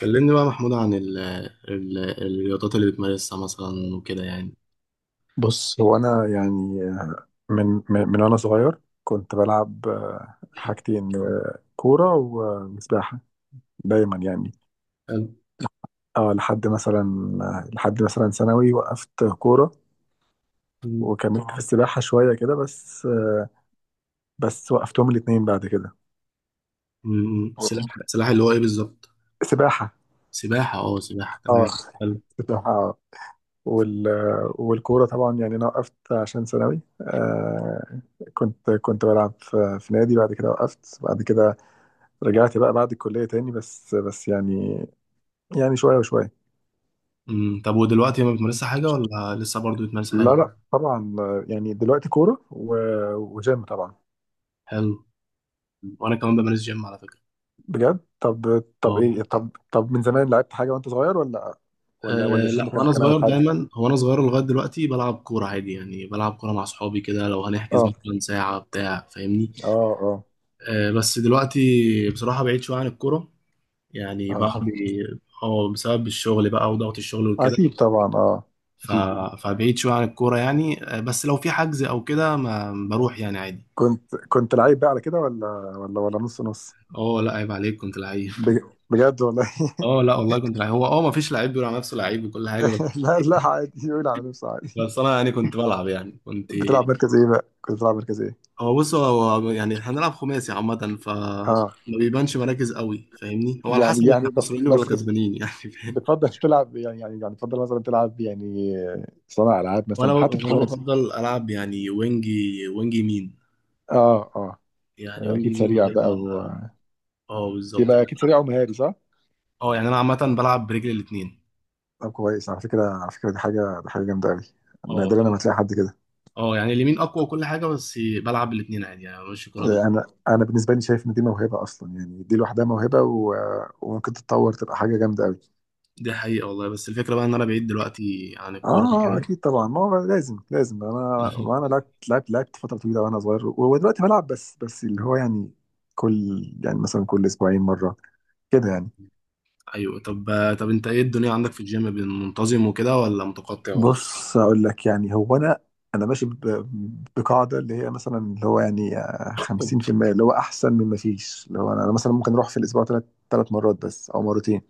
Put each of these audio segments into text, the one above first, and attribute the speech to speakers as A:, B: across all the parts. A: كلمني بقى محمود عن ال الرياضات اللي بتمارسها مثلا وكده يعني.
B: بص هو انا يعني من وانا صغير كنت بلعب حاجتين كوره وسباحه دايما يعني.
A: حلو.
B: اه لحد مثلا، لحد مثلا ثانوي وقفت كوره،
A: أمم،
B: وكملت في السباحه شويه كده بس. بس وقفتهم الاثنين بعد كده.
A: سلاح اللي هو ايه بالظبط؟
B: سباحه،
A: سباحة، اه سباحة،
B: اه،
A: تمام. حلو.
B: سباحه، اه، والكوره طبعا يعني انا وقفت عشان ثانوي. كنت بلعب في نادي بعد كده، وقفت بعد كده. رجعت بقى بعد الكلية تاني، بس يعني شوية وشوية.
A: طب ودلوقتي ما بتمارسش حاجة ولا لسه برضو بتمارس
B: لا
A: حاجة؟
B: لا طبعا، يعني دلوقتي كورة وجيم طبعا.
A: حلو. وانا كمان بمارس جيم على فكرة.
B: بجد؟ طب طب
A: اه.
B: ايه، طب طب، من زمان لعبت حاجة وانت صغير ولا ولا الجيم
A: لا،
B: كان
A: وانا
B: كان أول
A: صغير
B: حاجة؟
A: دايما، هو انا صغير لغاية دلوقتي بلعب كورة عادي، يعني بلعب كورة مع صحابي كده لو هنحجز
B: اه
A: مثلا ساعة بتاع، فاهمني؟
B: اه اه
A: بس دلوقتي بصراحة بعيد شوية عن الكورة يعني، بعد،
B: اه.
A: اه بسبب الشغل بقى وضغط الشغل وكده.
B: اكيد طبعا، اه
A: ف...
B: اكيد.
A: فبعيد شوية عن الكورة يعني. بس لو في حجز أو كده ما بروح، يعني عادي.
B: كنت لعيب بقى على كده، ولا ولا نص نص؟
A: اه لا، عيب عليك، كنت لعيب
B: بج- بجد والله.
A: اه لا والله كنت لعيب، هو اه ما فيش لعيب بيقول على نفسه لعيب وكل حاجة، بس.
B: لا لا، عادي يقول على نفسه، عادي.
A: بس أنا يعني كنت بلعب يعني كنت،
B: بتلعب مركز ايه بقى، كنت بتلعب مركز ايه؟
A: هو يعني هنلعب خماسي عامة، ف
B: اه
A: ما بيبانش مراكز قوي فاهمني، هو على
B: يعني،
A: حسب احنا
B: يعني بس
A: خسرانين ولا
B: بس
A: كسبانين يعني فاهم؟
B: بتفضل تلعب يعني، بتفضل مثلا تلعب يعني صانع العاب
A: وانا
B: مثلا حتى في
A: وانا
B: الخماسي؟
A: بفضل العب يعني وينج، وينج يمين.
B: اه اه.
A: يعني وينج
B: اكيد
A: يمين
B: سريع بقى
A: كده.
B: و...
A: اه بالظبط.
B: يبقى اكيد سريع ومهاري، صح؟
A: اه يعني انا عامه بلعب برجلي الاثنين.
B: طب كويس، على فكره، دي حاجه، جامده قوي،
A: اه.
B: نادرا لما تلاقي حد كده.
A: اه يعني اليمين اقوى وكل حاجه، بس بلعب بالاثنين عادي، يعني ماشي كوره بالاثنين.
B: انا بالنسبه لي شايف ان دي موهبه اصلا، يعني دي لوحدها موهبه، و... وممكن تتطور تبقى حاجه جامده قوي.
A: دي حقيقه والله، بس الفكره بقى ان انا بعيد دلوقتي عن الكوره
B: اه
A: كده
B: اكيد طبعا، ما هو لازم. انا، وانا لعبت فتره طويله وانا صغير، ودلوقتي بلعب بس، اللي هو يعني كل، يعني مثلا كل اسبوعين مره كده يعني.
A: ايوه. طب، طب انت ايه الدنيا عندك في الجيم، بين منتظم وكده ولا متقطع ولا ايه؟
B: بص، اقول لك، يعني هو انا، ماشي بقاعده اللي هي مثلا اللي هو يعني 50% اللي هو احسن من ما فيش. اللي هو انا، مثلا ممكن اروح في الاسبوع ثلاث، مرات بس، او مرتين.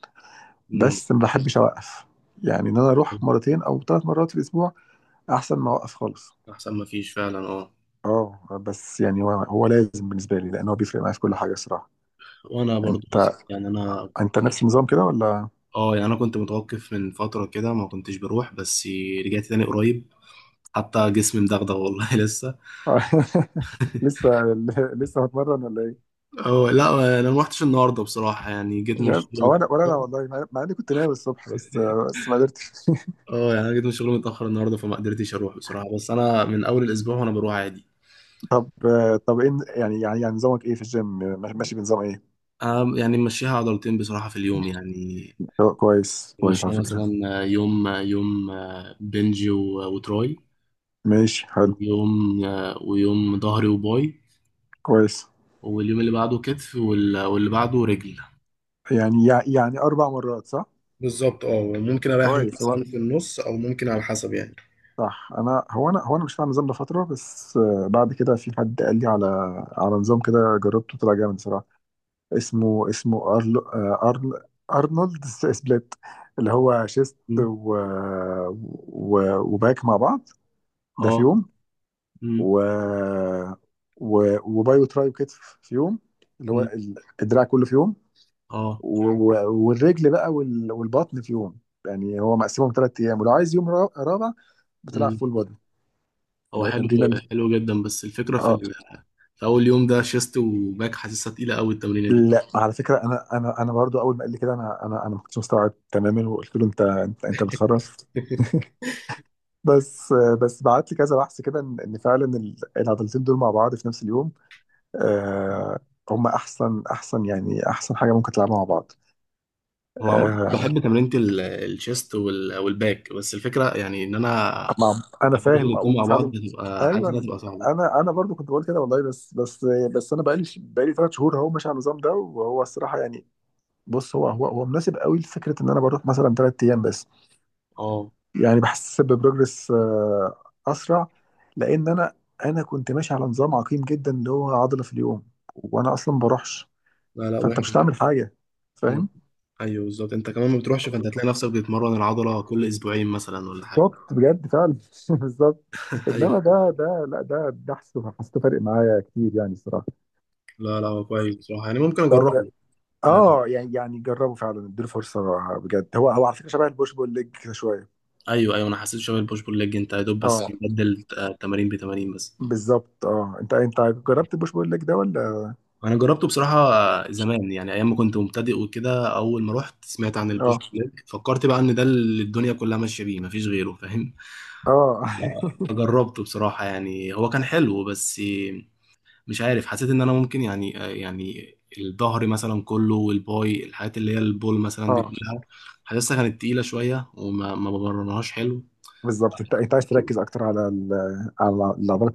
A: مم.
B: بس ما بحبش اوقف. يعني ان انا اروح مرتين او ثلاث مرات في الاسبوع احسن ما اوقف خالص.
A: احسن ما فيش فعلا، اه.
B: اه بس يعني هو، لازم بالنسبه لي، لان هو بيفرق معايا في كل حاجه الصراحه.
A: وانا برضو
B: انت،
A: بالظبط، يعني انا،
B: نفس النظام كده ولا؟
A: اه يعني انا كنت متوقف من فتره كده، ما كنتش بروح، بس رجعت تاني قريب. حتى جسمي مدغدغ والله لسه.
B: لسه، هتمرن ولا إيه؟
A: اه لا، انا ما رحتش النهارده بصراحه، يعني جيت
B: مش
A: من
B: عارف
A: الشغل
B: هو انا، ولا انا
A: متاخر.
B: والله، مع، اني كنت ناوي الصبح بس، ما قدرتش.
A: اه يعني انا جيت من الشغل متاخر النهارده فما قدرتش اروح بصراحه، بس انا من اول الاسبوع وانا بروح عادي.
B: طب طب ايه، يعني نظامك ايه في الجيم، ماشي بنظام ايه؟
A: أنا يعني ممشيها عضلتين بصراحه في اليوم يعني.
B: كويس كويس على
A: ممشيها مثلا
B: فكرة.
A: يوم يوم، وتراي،
B: ماشي حلو.
A: ويوم ويوم ظهري وباي،
B: كويس.
A: واليوم اللي بعده كتف، واللي بعده رجل.
B: يعني يعني اربع مرات، صح؟
A: بالظبط، اه ممكن اريح يوم
B: كويس. هو
A: مثلا في النص، او ممكن على حسب يعني.
B: صح، انا هو انا مش فاهم النظام ده فترة، بس بعد كده في حد قال لي على، نظام كده جربته، طلع جامد صراحة. اسمه، أرل، أرل ارنولد سبليت. اللي هو شيست
A: مم.
B: و... وباك مع بعض ده في
A: اه.
B: يوم.
A: مم.
B: و... وبايو ترايو كتف في يوم. اللي هو
A: مم.
B: الدراع كله في يوم.
A: اه.
B: و... والرجل بقى، وال... والبطن في يوم. يعني هو مقسمهم ثلاث ايام، ولو عايز يوم رابع بتلعب
A: مم.
B: فول بودي.
A: هو
B: اللي هو
A: حلو.
B: تمرين ال...
A: حلو جدا، بس الفكرة في
B: اه
A: في أول يوم ده شيست وباك حاسسها تقيلة أوي التمرينة دي
B: لا، على فكره انا، برضو اول ما قال لي كده انا، ما كنتش مستوعب تماما، وقلت له انت، انت بتخرف. بس، بعت لي كذا بحث كده ان إن فعلا العضلتين دول مع بعض في نفس اليوم آه، هم احسن. يعني احسن حاجه ممكن تلعبها مع بعض.
A: هو عامة
B: آه،
A: بحب تمرينة الشيست والباك، بس الفكرة يعني إن أنا
B: مع انا
A: أبدل
B: فاهم
A: الاتنين مع بعض
B: وفعلا.
A: هتبقى حاسس
B: ايوه،
A: إنها تبقى صعبة.
B: انا، برضو كنت بقول كده والله، بس انا بقالي ثلاث شهور اهو ماشي على النظام ده، وهو الصراحه يعني، بص هو، مناسب قوي لفكره ان انا بروح مثلا ثلاث ايام بس.
A: اه
B: يعني بحس ببروجرس آه، اسرع. لان انا، كنت ماشي على نظام عقيم جدا اللي هو عضله في اليوم، وانا اصلا ما بروحش،
A: لا، لا
B: فانت مش
A: وحش.
B: هتعمل حاجه،
A: مم.
B: فاهم؟
A: أيوه بالظبط، أنت كمان ما بتروحش فأنت هتلاقي نفسك بتتمرن العضلة كل أسبوعين مثلا ولا حاجة
B: بالظبط، بجد، فعلا. بالظبط. انما
A: أيوه.
B: ده، لا، ده، حسيته فارق معايا كتير يعني الصراحه.
A: لا لا، هو كويس بصراحة، يعني ممكن
B: طب
A: أجربه. يعني.
B: اه، يعني، جربوا فعلا، اديله فرصه بجد. هو على فكره شبه البوش بول ليج كده شويه.
A: أيوه أيوه، أنا حسيت شوية البوش بول ليج، أنت يا دوب بس
B: اه
A: بدل تمارين بتمارين بس.
B: بالظبط. اه انت، جربت البوش بول ليج ده ولا؟
A: انا جربته بصراحه زمان، يعني ايام ما كنت مبتدئ وكده، اول ما رحت سمعت عن البوش
B: اه.
A: بلاك فكرت بقى ان ده اللي الدنيا كلها ماشيه بيه مفيش غيره، فاهم؟
B: اه.
A: فجربته بصراحه، يعني هو كان حلو بس مش عارف، حسيت ان انا ممكن يعني الظهر مثلا كله والباي، الحاجات اللي هي البول مثلا دي
B: اه
A: كلها حاسسها كانت تقيله شويه وما ما بمرنهاش حلو.
B: بالظبط. انت، عايز تركز اكتر على ال، على العضلات.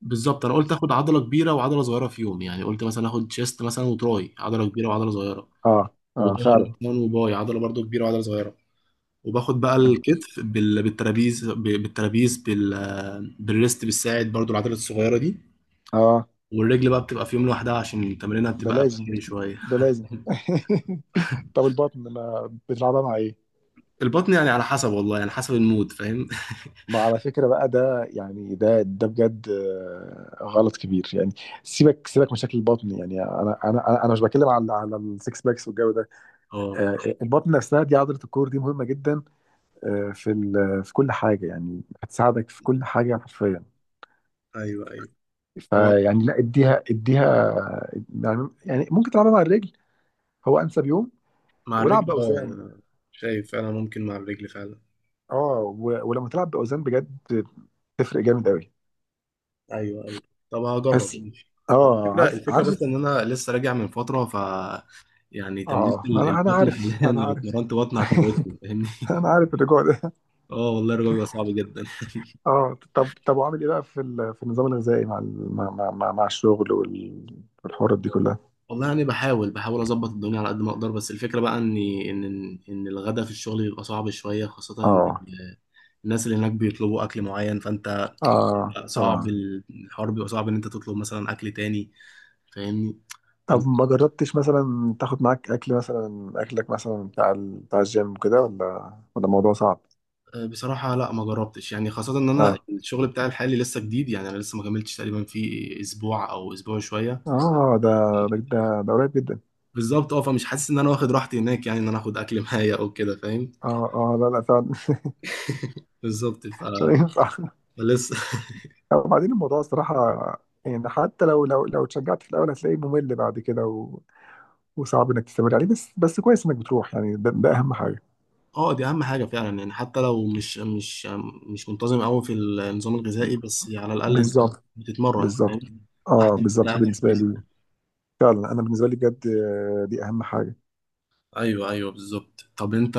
A: بالظبط، انا قلت اخد عضله كبيره وعضله صغيره في يوم، يعني قلت مثلا اخد شيست مثلا وتراي، عضله كبيره وعضله صغيره،
B: اه. اه
A: وظهر
B: فعلا.
A: مثلا وباي، عضله برضو كبيره وعضله صغيره، وباخد بقى الكتف بالترابيز، بالترابيز بالريست، بالساعد برضو العضله الصغيره دي،
B: اه
A: والرجل بقى بتبقى في يوم لوحدها عشان تمرينها
B: ده
A: بتبقى
B: لازم،
A: خفيف شويه.
B: ده لازم. طب البطن ما بتلعبها مع ايه؟
A: البطن يعني على حسب والله، يعني حسب المود فاهم
B: ما على فكرة بقى ده، يعني ده، بجد غلط كبير يعني. سيبك سيبك من شكل البطن، يعني انا، انا، انا أنا مش بتكلم على، السكس باكس والجو ده. آه،
A: اه
B: البطن نفسها دي عضلة الكور، دي مهمة جدا في في كل حاجة، يعني هتساعدك في كل حاجة حرفيا.
A: ايوه ايوه، هو
B: فيعني لا، اديها اديها، يعني ممكن تلعبها مع الرجل، هو انسب يوم،
A: مع
B: والعب
A: الرجل اه، يعني
B: باوزان.
A: انا شايف فعلا ممكن مع الرجل فعلا.
B: اه، ولما تلعب باوزان بجد تفرق جامد قوي.
A: ايوه ايوه. طب هجرب،
B: بس
A: ماشي. هو
B: اه،
A: الفكره،
B: عارف
A: الفكره بس
B: عارف.
A: ان انا لسه راجع من فتره، ف يعني تمرين
B: اه انا،
A: البطن
B: عارف.
A: حاليا
B: انا
A: لو
B: عارف
A: اتمرنت بطن هتموتني فاهمني.
B: انا عارف الرجوع ده.
A: اه والله الرجوع بيبقى صعب جدا
B: اه طب طب، وعامل ايه بقى في في النظام الغذائي مع مع مع الشغل والحوارات دي كلها؟
A: والله يعني بحاول اظبط الدنيا على قد ما اقدر، بس الفكره بقى ان ان الغدا في الشغل بيبقى صعب شويه، خاصه ان
B: اه
A: الناس اللي هناك بيطلبوا اكل معين فانت،
B: اه
A: بيبقى صعب
B: طبعا.
A: الحوار، بيبقى صعب ان انت تطلب مثلا اكل تاني فاهمني؟ فانت،
B: طب ما جربتش مثلا تاخد معاك اكل مثلا، اكلك مثلا بتاع بتاع الجيم كده، ولا الموضوع صعب؟
A: بصراحه لا ما جربتش، يعني خاصه ان انا
B: اه
A: الشغل بتاعي الحالي لسه جديد، يعني انا لسه ما كملتش تقريبا في اسبوع او اسبوع شويه.
B: اه، ده، ده قريب جدا.
A: بالظبط، اه فمش حاسس ان انا واخد راحتي هناك، يعني ان انا اخد اكل معايا او كده فاهم.
B: اه اه لا لا فعلا.
A: بالظبط. ف
B: مش هينفع.
A: لسه
B: وبعدين الموضوع الصراحة، يعني حتى لو اتشجعت في الاول هتلاقيه ممل بعد كده، وصعب انك تستمر عليه. بس كويس انك بتروح، يعني ده، اهم حاجه.
A: اه دي اهم حاجه فعلا، يعني حتى لو مش مش منتظم قوي في النظام الغذائي، بس على الاقل انت
B: بالظبط
A: بتتمرن
B: بالظبط،
A: فاهم،
B: اه
A: احسن من انت
B: بالظبط
A: قاعد في
B: بالنسبه
A: البيت.
B: لي. فعلا انا بالنسبه لي بجد دي اهم حاجه.
A: ايوه ايوه بالظبط. طب انت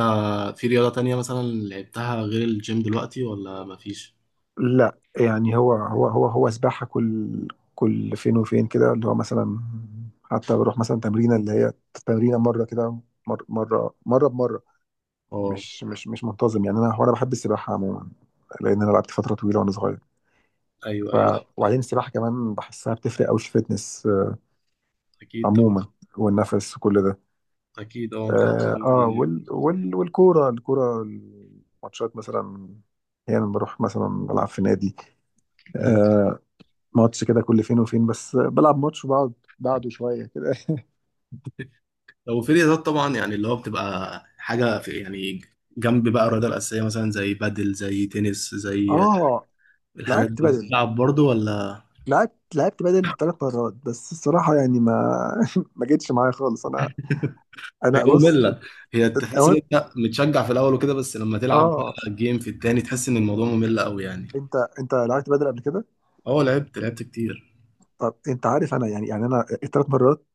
A: في رياضه تانية مثلا لعبتها غير الجيم دلوقتي ولا مفيش؟
B: لا يعني هو، سباحه كل، فين وفين كده، اللي هو مثلا حتى بروح مثلا تمرينه، اللي هي تمرينه مره كده، مره بمره،
A: اه
B: مش منتظم. يعني انا هو، بحب السباحه عموما، لان انا لعبت فتره طويله وانا صغير.
A: ايوه
B: ف،
A: ايوه.
B: وبعدين السباحه كمان بحسها بتفرق قوي في الفتنس
A: اكيد طبعا.
B: عموما، والنفس وكل ده.
A: اكيد اه، انت
B: اه
A: كمان يعني.
B: وال والكوره، الماتشات مثلا احيانا بروح مثلا بلعب في نادي
A: مم.
B: آه ماتش كده كل فين وفين، بس بلعب ماتش وبقعد بعده شويه كده.
A: لو في رياضات طبعا، يعني اللي هو بتبقى حاجه في يعني جنب بقى الرياضه الاساسيه، مثلا زي بادل، زي تنس، زي
B: اه
A: الحاجات
B: لعبت
A: دي
B: بدل،
A: بتلعب برضو ولا؟
B: ثلاث مرات بس الصراحه، يعني ما، ما جتش معايا خالص. انا،
A: هي
B: بص
A: مملة، هي تحس ان
B: أوقات-
A: انت متشجع في الاول وكده، بس لما تلعب
B: اه.
A: بقى جيم في التاني تحس ان الموضوع ممل قوي يعني.
B: انت، لعبت بدل قبل كده؟
A: اه. لعبت كتير.
B: طب انت عارف انا، يعني انا الثلاث مرات،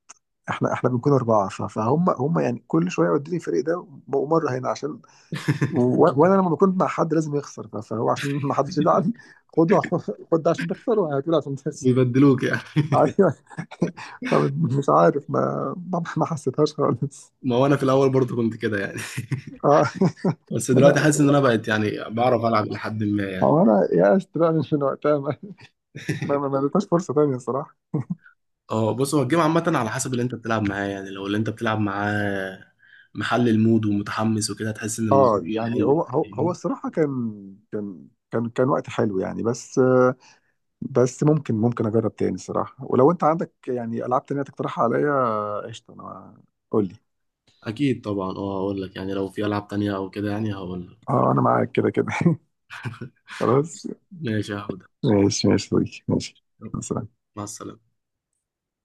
B: احنا، بنكون اربعه، فهم، يعني كل شويه يودوني الفريق ده ومره هنا، عشان وانا لما بكون مع حد لازم يخسر، فهو عشان ما حدش يزعل، خده عشان- خد ده عشان تخسر، وهاتوله عشان تخسر.
A: بيبدلوك يعني
B: ايوه. فمش عارف، ما ما، حسيتهاش خالص.
A: ما هو انا في الاول برضه كنت كده يعني
B: اه.
A: بس دلوقتي
B: ما
A: حاسس ان
B: انا،
A: انا بقيت يعني بعرف العب لحد ما يعني
B: هو انا يأست بقى من، وقتها، ما ما اديتهاش فرصه تانيه الصراحه.
A: اه بص، هو الجيم عامة على حسب اللي انت بتلعب معاه، يعني لو اللي انت بتلعب معاه محل المود ومتحمس وكده هتحس ان
B: اه
A: الموضوع
B: يعني
A: حلو
B: هو،
A: فاهمني؟
B: الصراحه كان، وقت حلو يعني، بس بس ممكن، اجرب تاني الصراحه. ولو انت عندك يعني العاب تانيه تقترحها عليا قشطه، انا قول لي.
A: اكيد طبعا، اه هقول لك يعني، لو في العاب تانية او كده يعني هقول لك.
B: اه انا معاك كده كده. خلاص.
A: ماشي يا حوده.
B: ماشي ماشي يا صديقي، ماشي،
A: يلا،
B: خلاص.
A: مع السلامة.